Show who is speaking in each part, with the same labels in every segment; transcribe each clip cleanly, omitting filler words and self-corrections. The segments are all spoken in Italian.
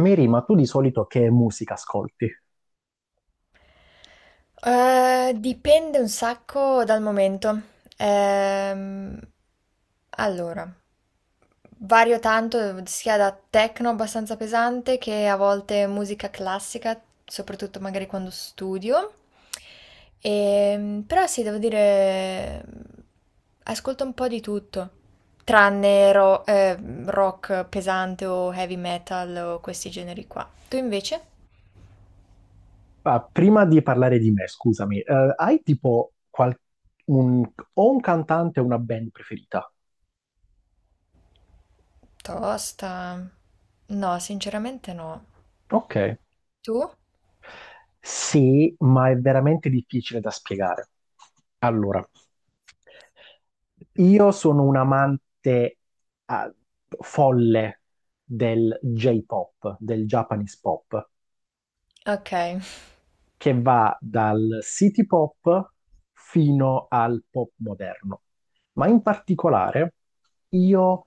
Speaker 1: Mary, ma tu di solito che musica ascolti?
Speaker 2: Dipende un sacco dal momento. Ehm, allora, Vario tanto sia da techno abbastanza pesante che a volte musica classica, soprattutto magari quando studio. Però sì, devo dire, ascolto un po' di tutto, tranne rock pesante o heavy metal o questi generi qua. Tu invece?
Speaker 1: Ah, prima di parlare di me, scusami, hai tipo qual- un- o un cantante o una band preferita?
Speaker 2: Tosta. No, sinceramente no.
Speaker 1: Ok.
Speaker 2: Tu?
Speaker 1: Sì, ma è veramente difficile da spiegare. Allora, io sono un amante ah, folle del J-pop, del Japanese pop,
Speaker 2: Okay.
Speaker 1: che va dal city pop fino al pop moderno. Ma in particolare io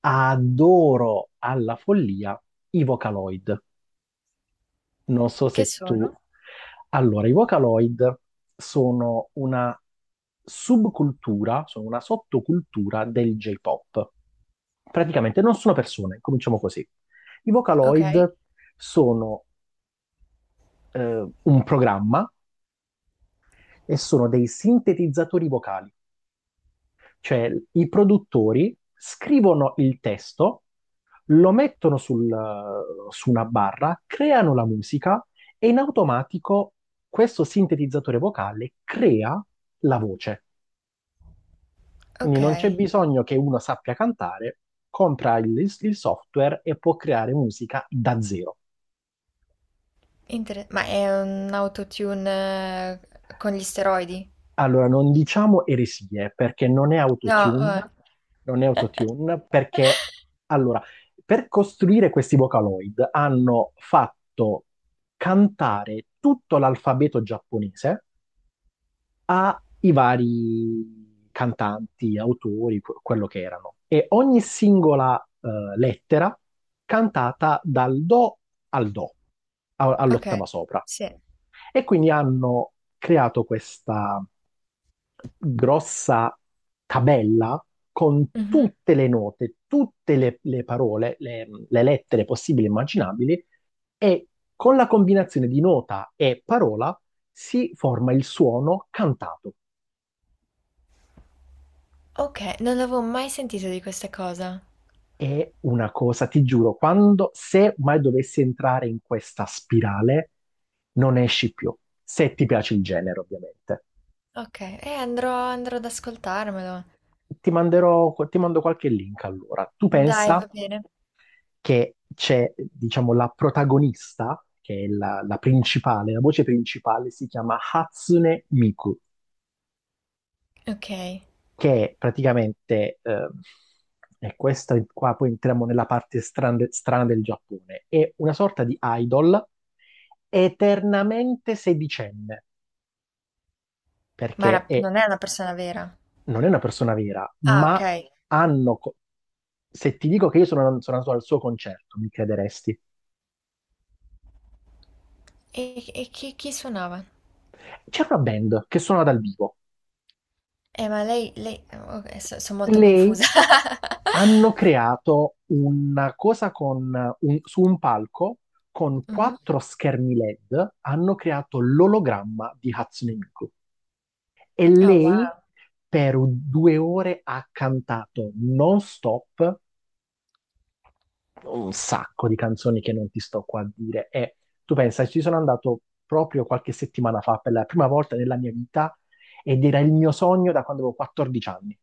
Speaker 1: adoro alla follia i Vocaloid. Non so
Speaker 2: Che
Speaker 1: se tu...
Speaker 2: sono?
Speaker 1: Allora, i Vocaloid sono una sottocultura del J-pop. Praticamente non sono persone, cominciamo così. I
Speaker 2: Okay,
Speaker 1: Vocaloid sono un programma e sono dei sintetizzatori vocali, cioè i produttori scrivono il testo, lo mettono su una barra, creano la musica e in automatico questo sintetizzatore vocale crea la voce. Quindi non c'è
Speaker 2: okay.
Speaker 1: bisogno che uno sappia cantare, compra il software e può creare musica da zero.
Speaker 2: Intere ma è un autotune con gli steroidi?
Speaker 1: Allora, non diciamo eresie perché non è
Speaker 2: No, eh.
Speaker 1: autotune, non è autotune perché, allora, per costruire questi Vocaloid hanno fatto cantare tutto l'alfabeto giapponese ai vari cantanti, autori, quello che erano. E ogni singola lettera cantata dal do al do, all'ottava
Speaker 2: Okay,
Speaker 1: sopra.
Speaker 2: sì.
Speaker 1: E quindi hanno creato questa grossa tabella con
Speaker 2: Mh-mh.
Speaker 1: tutte le note, le parole, le lettere possibili e immaginabili, e con la combinazione di nota e parola si forma il suono cantato.
Speaker 2: Okay, non avevo mai sentito di questa cosa.
Speaker 1: È una cosa, ti giuro, quando se mai dovessi entrare in questa spirale, non esci più, se ti piace il genere, ovviamente.
Speaker 2: Okay, andrò ad ascoltarmelo.
Speaker 1: Ti manderò, ti mando qualche link allora. Tu
Speaker 2: Dai,
Speaker 1: pensa
Speaker 2: va bene.
Speaker 1: che c'è, diciamo, la protagonista, che è la principale, la voce principale, si chiama Hatsune Miku,
Speaker 2: Okay.
Speaker 1: che è praticamente, e questa qua poi entriamo nella parte strana del Giappone, è una sorta di idol eternamente sedicenne,
Speaker 2: Ma
Speaker 1: perché
Speaker 2: era
Speaker 1: è-
Speaker 2: non è una persona vera?
Speaker 1: non è una persona vera,
Speaker 2: Ah,
Speaker 1: ma
Speaker 2: okay.
Speaker 1: hanno... co- se ti dico che io sono andato al suo concerto, mi crederesti?
Speaker 2: E chi suonava?
Speaker 1: C'è una band che suona dal vivo.
Speaker 2: Ma lei lei o okay, so son molto
Speaker 1: Lei
Speaker 2: confusa.
Speaker 1: Hanno creato una cosa con su un palco con
Speaker 2: Mh-mh.
Speaker 1: quattro schermi LED, hanno creato l'ologramma di Hatsune Miku. E
Speaker 2: Oh,
Speaker 1: lei
Speaker 2: wow.
Speaker 1: per due ore ha cantato non stop un sacco di canzoni che non ti sto qua a dire. E tu pensa, ci sono andato proprio qualche settimana fa per la prima volta nella mia vita ed era il mio sogno da quando avevo 14 anni.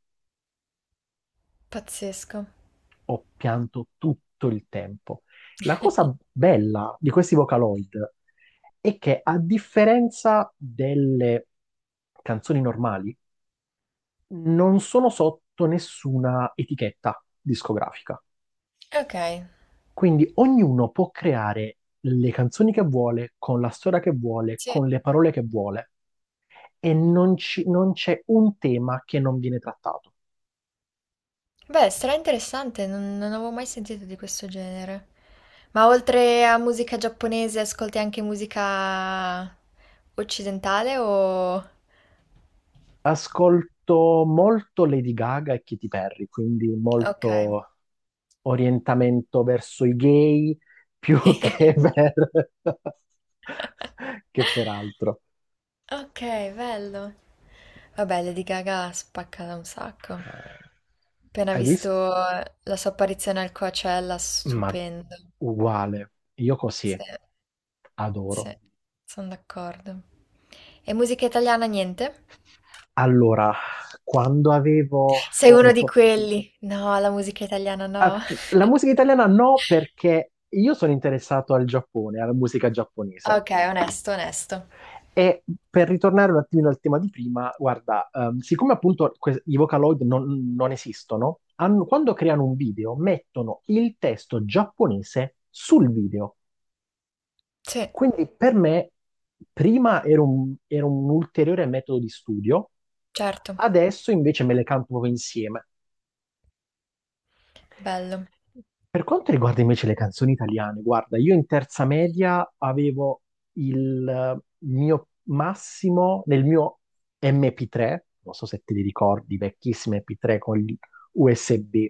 Speaker 2: Pazzesco.
Speaker 1: Ho pianto tutto il tempo. La cosa bella di questi Vocaloid è che a differenza delle canzoni normali, non sono sotto nessuna etichetta discografica.
Speaker 2: Ok,
Speaker 1: Quindi ognuno può creare le canzoni che vuole, con la storia che vuole,
Speaker 2: sì.
Speaker 1: con le parole che vuole e non c'è un tema che non viene trattato.
Speaker 2: Beh, sarà interessante, non, non avevo mai sentito di questo genere. Ma oltre a musica giapponese, ascolti anche musica occidentale o...
Speaker 1: Ascolto molto Lady Gaga e Katy Perry, quindi
Speaker 2: Ok.
Speaker 1: molto orientamento verso i gay più che per altro.
Speaker 2: Ok, bello. Vabbè, Lady Gaga spacca da un sacco.
Speaker 1: Eh,
Speaker 2: Appena
Speaker 1: hai
Speaker 2: visto
Speaker 1: visto?
Speaker 2: la sua apparizione al Coachella,
Speaker 1: Ma
Speaker 2: stupendo.
Speaker 1: uguale, io così
Speaker 2: Sì,
Speaker 1: adoro.
Speaker 2: sì, sono d'accordo. E musica italiana, niente?
Speaker 1: Allora, quando avevo
Speaker 2: Sei uno di
Speaker 1: tipo...
Speaker 2: quelli. No, la musica italiana no.
Speaker 1: ah, la musica italiana no, perché io sono interessato al Giappone, alla musica giapponese.
Speaker 2: Ok, onesto, onesto.
Speaker 1: E per ritornare un attimino al tema di prima, guarda, siccome appunto i Vocaloid non esistono, quando creano un video mettono il testo giapponese sul video.
Speaker 2: Sì,
Speaker 1: Quindi per me prima era era un ulteriore metodo di studio,
Speaker 2: certo.
Speaker 1: adesso invece me le canto proprio insieme.
Speaker 2: Bello.
Speaker 1: Per quanto riguarda invece le canzoni italiane, guarda, io in terza media avevo il mio massimo nel mio MP3, non so se te li ricordi, vecchissime MP3 con gli USB,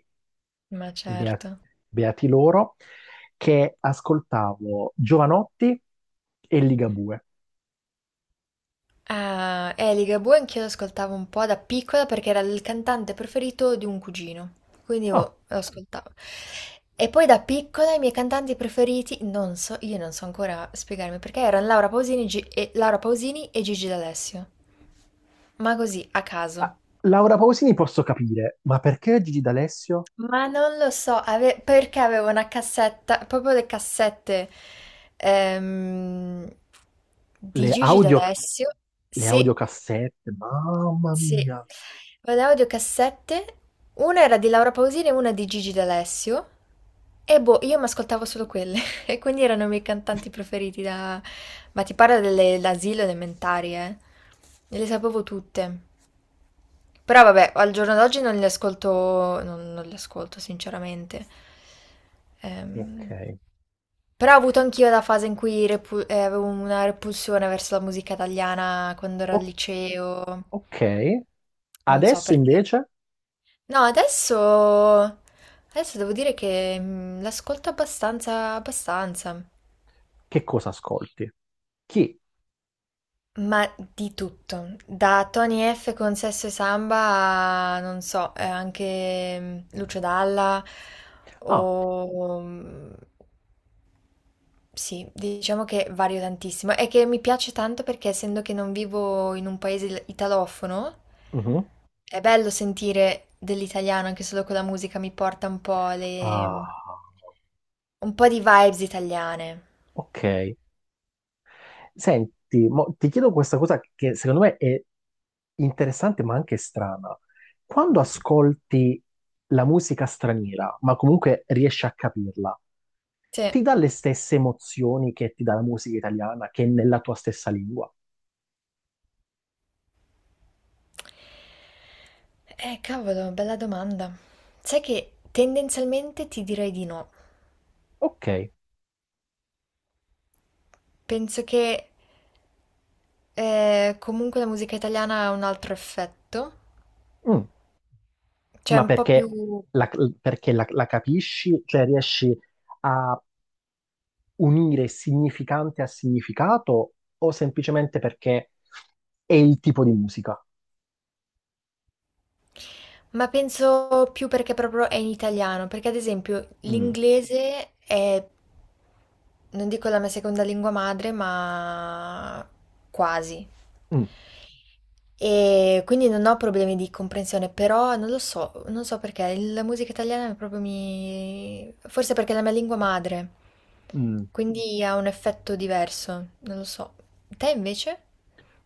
Speaker 2: Ma
Speaker 1: bea-
Speaker 2: certo.
Speaker 1: beati loro, che ascoltavo Giovanotti e Ligabue.
Speaker 2: Ah, Ligabue anch'io l'ascoltavo un po' da piccola perché era il cantante preferito di un cugino. Quindi io
Speaker 1: Oh,
Speaker 2: lo ascoltavo. E poi da piccola i miei cantanti preferiti, non so, io non so ancora spiegarmi perché erano Laura Pausini, Laura Pausini e Gigi D'Alessio. Ma così, a caso.
Speaker 1: ah, Laura Pausini posso capire, ma perché Gigi D'Alessio?
Speaker 2: Ma non lo so, perché avevo una cassetta, proprio le cassette ehm, di
Speaker 1: Le
Speaker 2: Gigi
Speaker 1: audio,
Speaker 2: D'Alessio.
Speaker 1: le
Speaker 2: Sì,
Speaker 1: audiocassette, mamma
Speaker 2: sì.
Speaker 1: mia.
Speaker 2: Guardavo due cassette, una era di Laura Pausini e una di Gigi D'Alessio. E boh, io mi ascoltavo solo quelle, e quindi erano i miei cantanti preferiti da... Ma ti parlo dell'asilo elementari, eh? E le sapevo tutte. Però vabbè, al giorno d'oggi non li ascolto, non, non li ascolto sinceramente.
Speaker 1: Ok.
Speaker 2: Ehm, Però ho avuto anch'io la fase in cui avevo una repulsione verso la musica italiana quando ero al liceo,
Speaker 1: Ok,
Speaker 2: non so
Speaker 1: adesso
Speaker 2: perché.
Speaker 1: invece
Speaker 2: No, adesso, adesso devo dire che l'ascolto abbastanza, abbastanza.
Speaker 1: che cosa ascolti? Chi?
Speaker 2: Ma di tutto, da Tony F con Sesso e Samba a, non so, anche Lucio Dalla
Speaker 1: Ah,
Speaker 2: o... sì, diciamo che vario tantissimo e che mi piace tanto perché essendo che non vivo in un paese italofono,
Speaker 1: mhm.
Speaker 2: è bello sentire dell'italiano anche solo con la musica, mi porta un po' le...
Speaker 1: Ah,
Speaker 2: un po' di vibes italiane.
Speaker 1: ok. Senti, mo ti chiedo questa cosa che secondo me è interessante ma anche strana. Quando ascolti la musica straniera, ma comunque riesci a capirla,
Speaker 2: Sì.
Speaker 1: ti dà le stesse emozioni che ti dà la musica italiana, che è nella tua stessa lingua?
Speaker 2: Cavolo, bella domanda. Sai che tendenzialmente ti direi di no.
Speaker 1: Ok,
Speaker 2: Penso che comunque la musica italiana ha un altro effetto,
Speaker 1: mm.
Speaker 2: cioè
Speaker 1: Ma
Speaker 2: un po'
Speaker 1: perché
Speaker 2: più...
Speaker 1: la, perché la capisci? Cioè riesci a unire significante a significato o semplicemente perché è il tipo di musica?
Speaker 2: ma penso più perché proprio è in italiano, perché ad esempio
Speaker 1: Mm.
Speaker 2: l'inglese è, non dico la mia seconda lingua madre, ma quasi.
Speaker 1: Mm,
Speaker 2: E quindi non ho problemi di comprensione, però non lo so, non so perché, la musica italiana è proprio mi... forse perché è la mia lingua madre,
Speaker 1: mm.
Speaker 2: quindi ha un effetto diverso, non lo so. Te invece?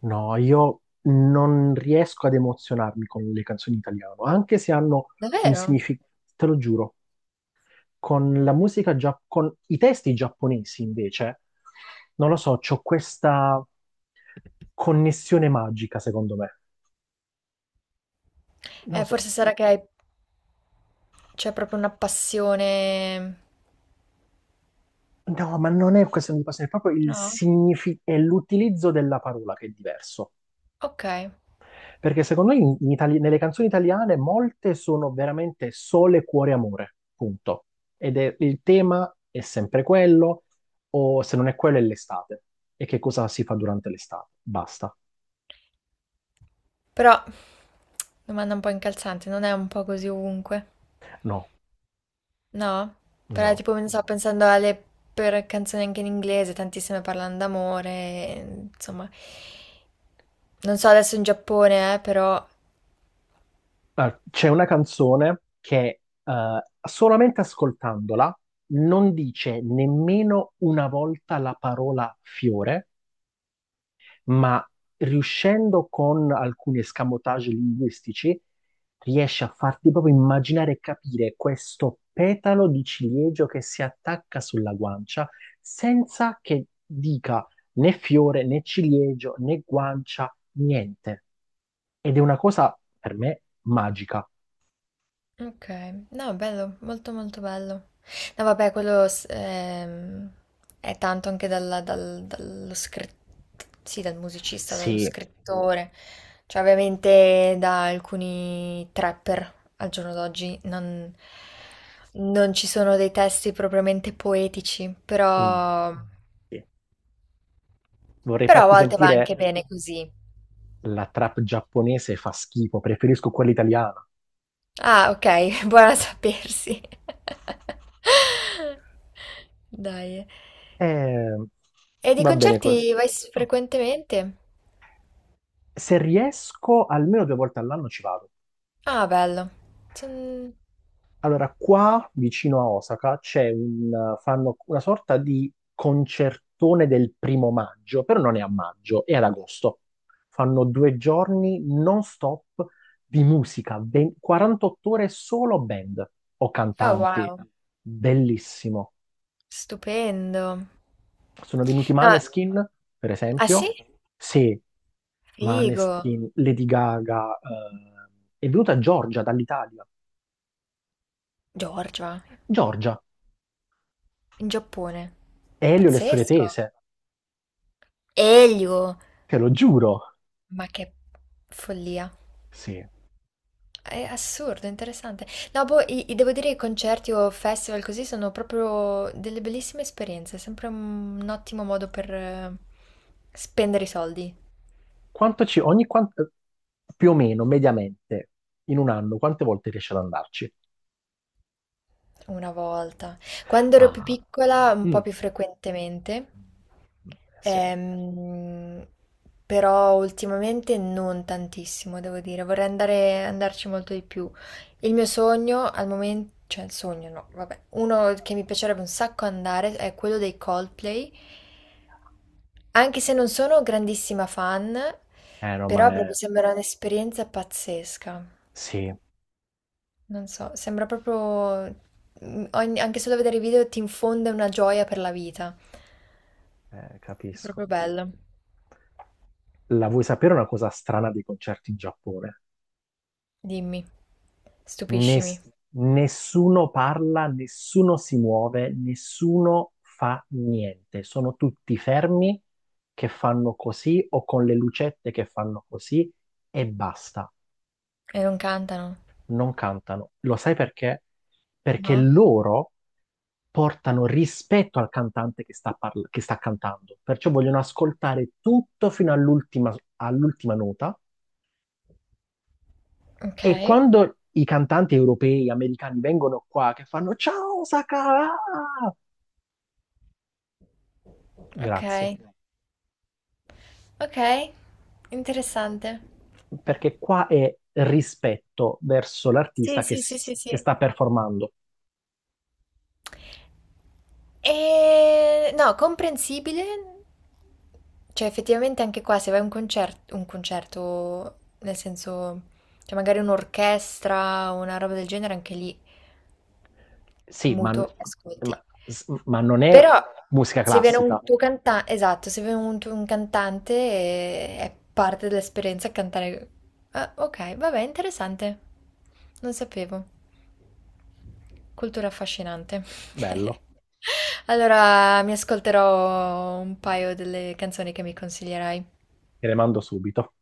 Speaker 1: No, io non riesco ad emozionarmi con le canzoni in italiano, anche se hanno un
Speaker 2: Davvero?
Speaker 1: significato, te lo giuro, con la musica con i testi giapponesi invece, non lo so, c'ho questa connessione magica secondo me. Non lo so.
Speaker 2: Forse sarà che hai... c'è proprio una passione...
Speaker 1: No, ma non è questione di passione, è proprio il
Speaker 2: No?
Speaker 1: è l'utilizzo della parola che è diverso.
Speaker 2: Ok,
Speaker 1: Perché secondo me nelle canzoni italiane molte sono veramente sole, cuore, amore, punto. Ed è il tema è sempre quello, o se non è quello è l'estate. E che cosa si fa durante l'estate? Basta.
Speaker 2: però domanda un po' incalzante, non è un po' così ovunque?
Speaker 1: No,
Speaker 2: No, però
Speaker 1: no.
Speaker 2: tipo non so, pensando alle per canzoni anche in inglese, tantissime parlano d'amore, e, insomma. Non so adesso in Giappone, però...
Speaker 1: Ah, c'è una canzone che solamente ascoltandola non dice nemmeno una volta la parola fiore, ma riuscendo con alcuni escamotage linguistici, riesce a farti proprio immaginare e capire questo petalo di ciliegio che si attacca sulla guancia senza che dica né fiore, né ciliegio, né guancia, niente. Ed è una cosa per me magica.
Speaker 2: Ok, no, bello, molto molto bello. No, vabbè, è tanto anche dallo scritto, sì, dal musicista, dallo
Speaker 1: Sì,
Speaker 2: scrittore. Cioè, ovviamente da alcuni trapper al giorno d'oggi non, non ci sono dei testi propriamente poetici,
Speaker 1: mm,
Speaker 2: però,
Speaker 1: sì. Vorrei
Speaker 2: però a
Speaker 1: farti
Speaker 2: volte va
Speaker 1: sentire
Speaker 2: anche bene così.
Speaker 1: la trap giapponese fa schifo, preferisco quella italiana.
Speaker 2: Ah, ok, buona a sapersi. Dai.
Speaker 1: Eh,
Speaker 2: E di
Speaker 1: va bene così.
Speaker 2: concerti vai
Speaker 1: Oh.
Speaker 2: frequentemente?
Speaker 1: Se riesco, almeno due volte all'anno ci vado.
Speaker 2: Ah, bello. Sen-
Speaker 1: Allora, qua vicino a Osaka c'è fanno una sorta di concertone del primo maggio, però non è a maggio, è ad agosto. Fanno due giorni non stop di musica, 48 ore solo band o
Speaker 2: Oh,
Speaker 1: cantanti.
Speaker 2: wow.
Speaker 1: Bellissimo.
Speaker 2: Stupendo.
Speaker 1: Sono venuti
Speaker 2: No,
Speaker 1: Maneskin, per
Speaker 2: ah sì?
Speaker 1: esempio. Sì,
Speaker 2: Figo.
Speaker 1: Maneskin, Lady Gaga, è venuta Giorgia dall'Italia.
Speaker 2: Georgia,
Speaker 1: Giorgia,
Speaker 2: in Giappone.
Speaker 1: Elio e le storie
Speaker 2: Pazzesco.
Speaker 1: tese,
Speaker 2: Elio.
Speaker 1: te lo giuro.
Speaker 2: Ma che follia.
Speaker 1: Sì.
Speaker 2: È assurdo, interessante. No, boh, devo dire che concerti o festival così sono proprio delle bellissime esperienze, è sempre un ottimo modo per spendere i soldi.
Speaker 1: Quanto ci, ogni quanto, più o meno, mediamente, in un anno, quante volte riesce ad andarci?
Speaker 2: Una volta. Quando ero più
Speaker 1: Ah,
Speaker 2: piccola, un po'
Speaker 1: mm.
Speaker 2: più frequentemente.
Speaker 1: Sì.
Speaker 2: Ehm, Però ultimamente non tantissimo, devo dire, vorrei andare, andarci molto di più. Il mio sogno al momento, cioè il sogno no, vabbè, uno che mi piacerebbe un sacco andare è quello dei Coldplay, anche se non sono grandissima fan,
Speaker 1: Eh no, ma
Speaker 2: però proprio
Speaker 1: è...
Speaker 2: sembra un'esperienza pazzesca.
Speaker 1: Sì,
Speaker 2: Non so, sembra proprio, anche solo vedere i video ti infonde una gioia per la vita. È proprio
Speaker 1: capisco.
Speaker 2: bello.
Speaker 1: La vuoi sapere una cosa strana dei concerti in Giappone?
Speaker 2: Dimmi, stupiscimi.
Speaker 1: Ness- Nessuno parla, nessuno si muove, nessuno fa niente. Sono tutti fermi che fanno così o con le lucette che fanno così e basta,
Speaker 2: E non cantano?
Speaker 1: non cantano. Lo sai perché? Perché
Speaker 2: No?
Speaker 1: loro portano rispetto al cantante che che sta cantando, perciò vogliono ascoltare tutto fino all'ultima nota.
Speaker 2: Ok,
Speaker 1: E quando i cantanti europei, americani vengono qua che fanno "ciao Osaka, ah!",
Speaker 2: ok,
Speaker 1: grazie,
Speaker 2: ok, interessante.
Speaker 1: perché qua è rispetto verso
Speaker 2: Sì,
Speaker 1: l'artista
Speaker 2: sì, sì, sì,
Speaker 1: che
Speaker 2: sì.
Speaker 1: sta performando.
Speaker 2: E... No, comprensibile. Cioè, effettivamente anche qua, se vai a un concerto, nel senso, cioè magari un'orchestra o una roba del genere, anche lì
Speaker 1: Sì, ma,
Speaker 2: muto, ascolti.
Speaker 1: ma non è
Speaker 2: Però
Speaker 1: musica
Speaker 2: se viene
Speaker 1: classica,
Speaker 2: un tuo cantante, esatto, se viene un tuo un cantante è parte dell'esperienza cantare. Ah, ok, vabbè, interessante. Non sapevo. Cultura affascinante.
Speaker 1: bello,
Speaker 2: Allora mi ascolterò un paio delle canzoni che mi consiglierai.
Speaker 1: te le mando subito.